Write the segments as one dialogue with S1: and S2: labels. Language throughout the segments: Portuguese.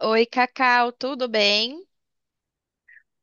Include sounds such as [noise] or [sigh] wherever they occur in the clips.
S1: Oi, Cacau, tudo bem?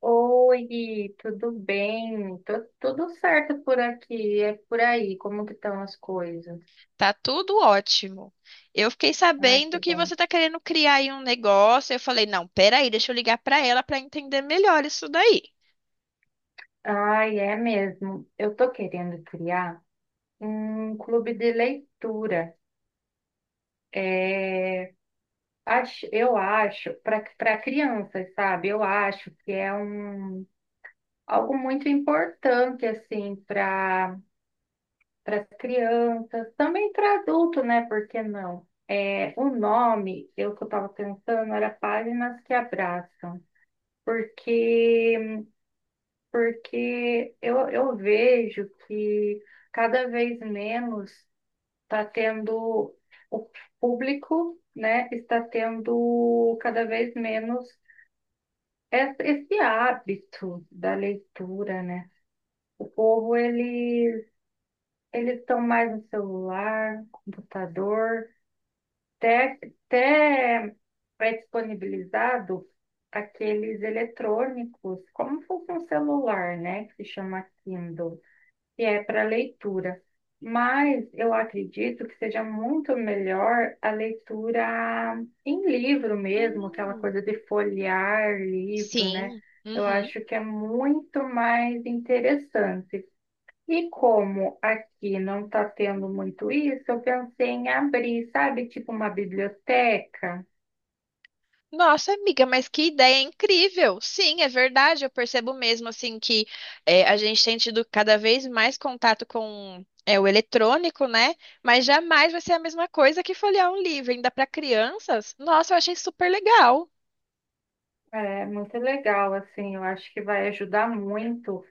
S2: Oi, tudo bem? Tudo certo por aqui, é por aí, como que estão as coisas?
S1: Tá tudo ótimo. Eu fiquei
S2: Ai,
S1: sabendo
S2: que
S1: que
S2: bom.
S1: você tá querendo criar aí um negócio. Eu falei, não, peraí, deixa eu ligar pra ela pra entender melhor isso daí.
S2: Ai, é mesmo. Eu tô querendo criar um clube de leitura. Acho, para crianças, sabe? Eu acho que é algo muito importante, assim, para as crianças, também para adulto, né? Por que não? É, o nome, eu que eu estava pensando, era Páginas que Abraçam. Porque, porque eu vejo que cada vez menos está tendo o público, né, está tendo cada vez menos esse hábito da leitura, né? O povo, eles estão mais no celular, computador, até, até pré-disponibilizado aqueles eletrônicos, como se fosse um celular, né, que se chama Kindle, que é para leitura. Mas eu acredito que seja muito melhor a leitura em livro mesmo, aquela
S1: Hum,
S2: coisa de folhear livro, né?
S1: sim.
S2: Eu
S1: Uhum.
S2: acho que é muito mais interessante. E como aqui não está tendo muito isso, eu pensei em abrir, sabe, tipo uma biblioteca.
S1: Nossa, amiga, mas que ideia incrível! Sim, é verdade. Eu percebo mesmo assim que a gente tem tido cada vez mais contato com o eletrônico, né? Mas jamais vai ser a mesma coisa que folhear um livro, ainda para crianças. Nossa, eu achei super legal.
S2: É muito legal, assim, eu acho que vai ajudar muito,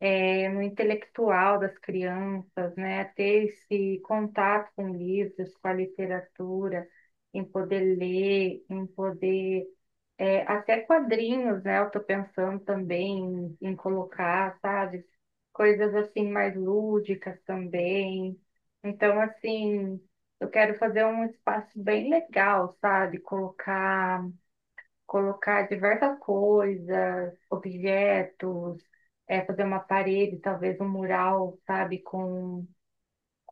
S2: no intelectual das crianças, né? Ter esse contato com livros, com a literatura, em poder ler, em poder é, até quadrinhos, né? Eu tô pensando também em colocar, sabe? Coisas assim mais lúdicas também. Então, assim, eu quero fazer um espaço bem legal, sabe? Colocar diversas coisas, objetos, é, fazer uma parede, talvez um mural, sabe?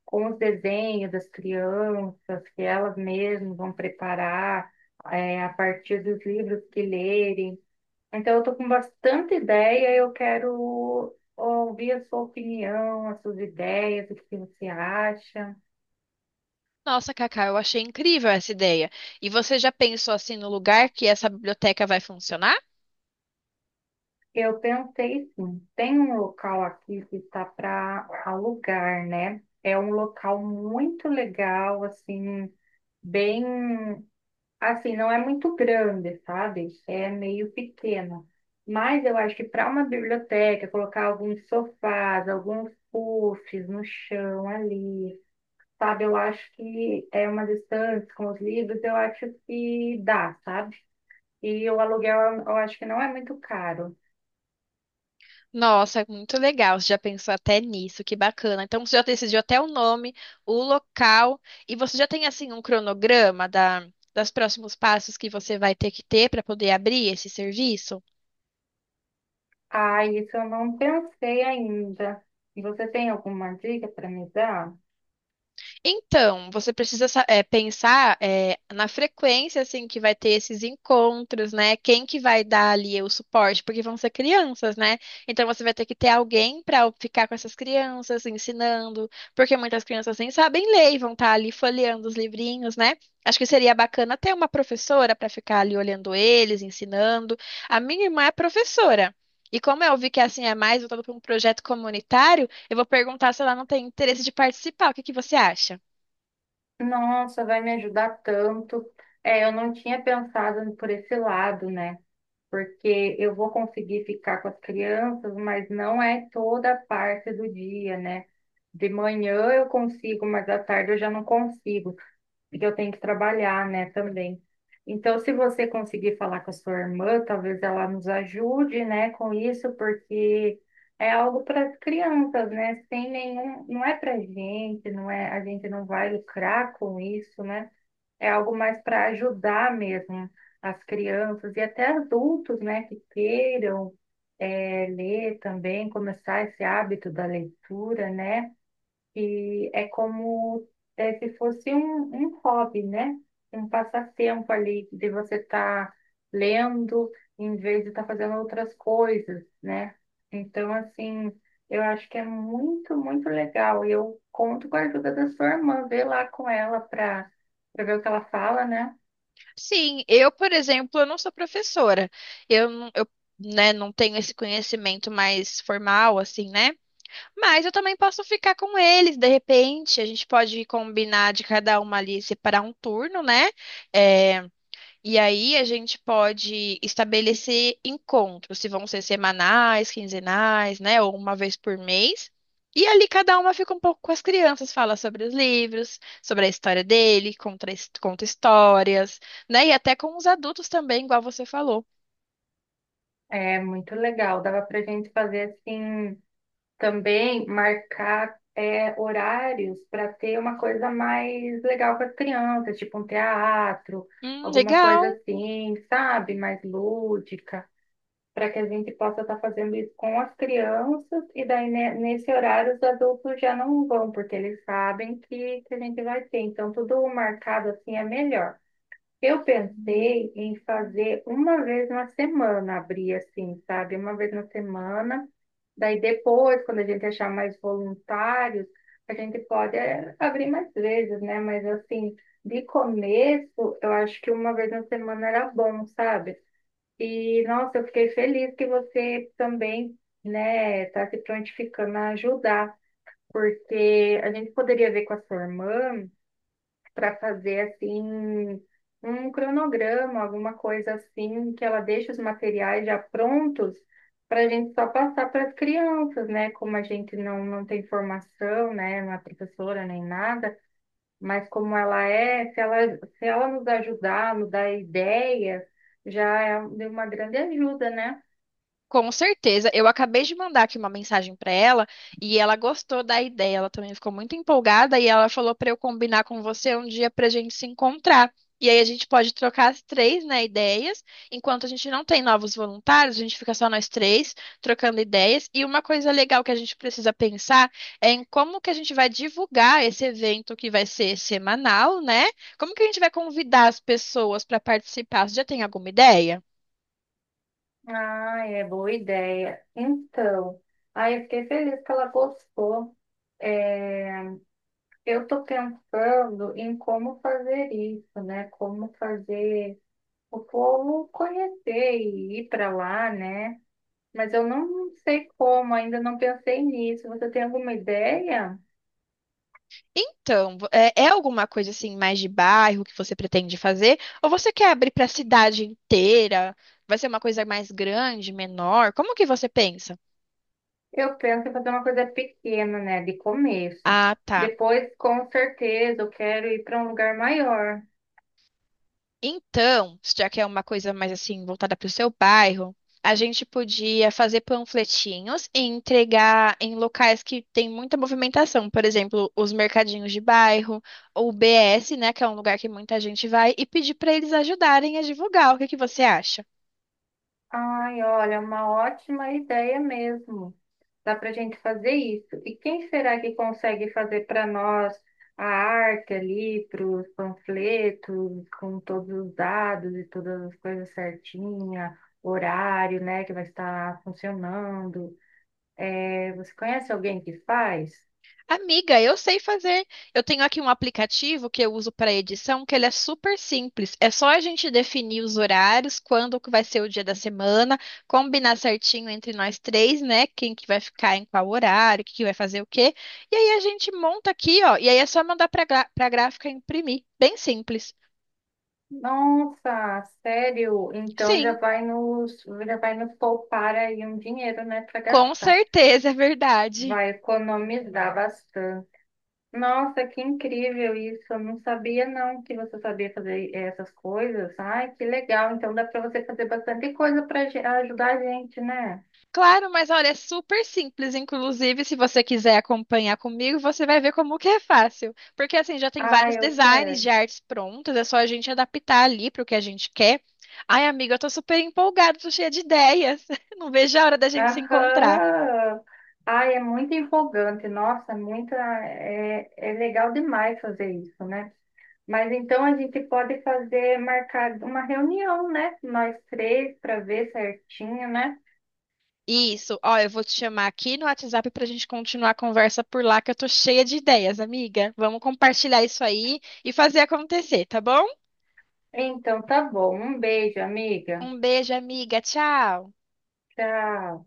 S2: Com os desenhos das crianças, que elas mesmas vão preparar é, a partir dos livros que lerem. Então, eu estou com bastante ideia, eu quero ouvir a sua opinião, as suas ideias, o que você acha.
S1: Nossa, Cacá, eu achei incrível essa ideia. E você já pensou assim no lugar que essa biblioteca vai funcionar?
S2: Eu pensei, sim, tem um local aqui que está para alugar, né? É um local muito legal, assim, bem, assim, não é muito grande, sabe? É meio pequeno. Mas eu acho que para uma biblioteca, colocar alguns sofás, alguns puffs no chão ali, sabe? Eu acho que é uma distância com os livros, eu acho que dá, sabe? E o aluguel eu acho que não é muito caro.
S1: Nossa, muito legal. Você já pensou até nisso, que bacana. Então você já decidiu até o nome, o local, e você já tem assim um cronograma da, das próximos passos que você vai ter que ter para poder abrir esse serviço?
S2: Ah, isso eu não pensei ainda. Você tem alguma dica para me dar?
S1: Então, você precisa pensar na frequência assim que vai ter esses encontros, né? Quem que vai dar ali o suporte, porque vão ser crianças, né? Então você vai ter que ter alguém para ficar com essas crianças ensinando, porque muitas crianças nem sabem ler e vão estar ali folheando os livrinhos, né? Acho que seria bacana ter uma professora para ficar ali olhando eles, ensinando. A minha irmã é professora. E como eu vi que assim é mais voltado para um projeto comunitário, eu vou perguntar se ela não tem interesse de participar. O que que você acha?
S2: Nossa, vai me ajudar tanto. É, eu não tinha pensado por esse lado, né? Porque eu vou conseguir ficar com as crianças, mas não é toda a parte do dia, né? De manhã eu consigo, mas à tarde eu já não consigo. Que eu tenho que trabalhar, né, também. Então, se você conseguir falar com a sua irmã, talvez ela nos ajude, né, com isso, porque é algo para as crianças, né? Sem nenhum, não é para gente, não é, a gente não vai lucrar com isso, né? É algo mais para ajudar mesmo as crianças e até adultos, né, que queiram ler também, começar esse hábito da leitura, né? E é como é, se fosse um hobby, né? Um passatempo ali de você estar lendo em vez de estar fazendo outras coisas, né? Então, assim, eu acho que é muito, muito legal. E eu conto com a ajuda da sua irmã, ver lá com ela para para ver o que ela fala, né?
S1: Sim, eu, por exemplo, eu não sou professora. Eu, não- eu, né, não tenho esse conhecimento mais formal, assim, né? Mas eu também posso ficar com eles, de repente. A gente pode combinar de cada uma ali separar um turno, né? É, E aí a gente pode estabelecer encontros, se vão ser semanais, quinzenais, né, ou uma vez por mês. E ali cada uma fica um pouco com as crianças, fala sobre os livros, sobre a história dele, conta histórias, né? E até com os adultos também, igual você falou.
S2: É muito legal. Dava para gente fazer assim também marcar é, horários para ter uma coisa mais legal para as crianças, tipo um teatro, alguma coisa
S1: Legal.
S2: assim, sabe? Mais lúdica, para que a gente possa estar fazendo isso com as crianças, e daí né, nesse horário os adultos já não vão, porque eles sabem que a gente vai ter. Então, tudo marcado assim é melhor. Eu pensei em fazer uma vez na semana, abrir assim, sabe? Uma vez na semana. Daí depois, quando a gente achar mais voluntários, a gente pode é, abrir mais vezes, né? Mas assim, de começo, eu acho que uma vez na semana era bom, sabe? E nossa, eu fiquei feliz que você também, né, tá se prontificando a ajudar, porque a gente poderia ver com a sua irmã para fazer assim um cronograma, alguma coisa assim, que ela deixe os materiais já prontos para a gente só passar para as crianças, né? Como a gente não tem formação, né? Não é professora nem nada, mas como ela é, se ela nos ajudar, nos dar ideias, já é de uma grande ajuda, né?
S1: Com certeza. Eu acabei de mandar aqui uma mensagem para ela e ela gostou da ideia. Ela também ficou muito empolgada e ela falou para eu combinar com você um dia para a gente se encontrar. E aí a gente pode trocar as três, né, ideias. Enquanto a gente não tem novos voluntários, a gente fica só nós três trocando ideias. E uma coisa legal que a gente precisa pensar é em como que a gente vai divulgar esse evento que vai ser semanal, né? Como que a gente vai convidar as pessoas para participar? Você já tem alguma ideia?
S2: Ah, é boa ideia. Então, aí eu fiquei feliz que ela gostou. Eu estou pensando em como fazer isso, né? Como fazer o povo conhecer e ir para lá, né? Mas eu não sei como, ainda não pensei nisso. Você tem alguma ideia?
S1: Então, é alguma coisa assim mais de bairro que você pretende fazer? Ou você quer abrir para a cidade inteira? Vai ser uma coisa mais grande, menor? Como que você pensa?
S2: Eu penso em fazer uma coisa pequena, né? De começo.
S1: Ah, tá.
S2: Depois, com certeza, eu quero ir para um lugar maior.
S1: Então, já que é uma coisa mais assim voltada para o seu bairro, a gente podia fazer panfletinhos e entregar em locais que tem muita movimentação, por exemplo, os mercadinhos de bairro ou o BS, né, que é um lugar que muita gente vai, e pedir para eles ajudarem a divulgar. O que que você acha?
S2: Ai, olha, uma ótima ideia mesmo. Dá para a gente fazer isso. E quem será que consegue fazer para nós a arte ali, para os panfletos, com todos os dados e todas as coisas certinha, horário, né, que vai estar funcionando? É, você conhece alguém que faz?
S1: Amiga, eu sei fazer. Eu tenho aqui um aplicativo que eu uso para edição, que ele é super simples. É só a gente definir os horários, quando que vai ser o dia da semana, combinar certinho entre nós três, né? Quem que vai ficar em qual horário, que vai fazer o quê. E aí a gente monta aqui, ó. E aí é só mandar para a gráfica imprimir. Bem simples.
S2: Nossa, sério? Então
S1: Sim,
S2: já vai nos poupar aí um dinheiro, né, para
S1: com
S2: gastar.
S1: certeza, é verdade.
S2: Vai economizar bastante. Nossa, que incrível isso. Eu não sabia não que você sabia fazer essas coisas. Ai, que legal. Então dá para você fazer bastante coisa para ajudar a gente, né?
S1: Claro, mas olha, é super simples. Inclusive, se você quiser acompanhar comigo, você vai ver como que é fácil. Porque assim, já tem vários
S2: Ai, eu
S1: designs
S2: quero.
S1: de artes prontas, é só a gente adaptar ali para o que a gente quer. Ai, amiga, eu tô super empolgada, tô cheia de ideias. [laughs] Não vejo a hora da gente se encontrar.
S2: Aham. Ai, é muito empolgante. Nossa, é muita é, é legal demais fazer isso, né? Mas então a gente pode fazer, marcar uma reunião, né? Nós três para ver certinho, né?
S1: Isso, ó, eu vou te chamar aqui no WhatsApp pra gente continuar a conversa por lá, que eu tô cheia de ideias, amiga. Vamos compartilhar isso aí e fazer acontecer, tá bom?
S2: Então tá bom. Um beijo, amiga.
S1: Um beijo, amiga. Tchau.
S2: Tchau.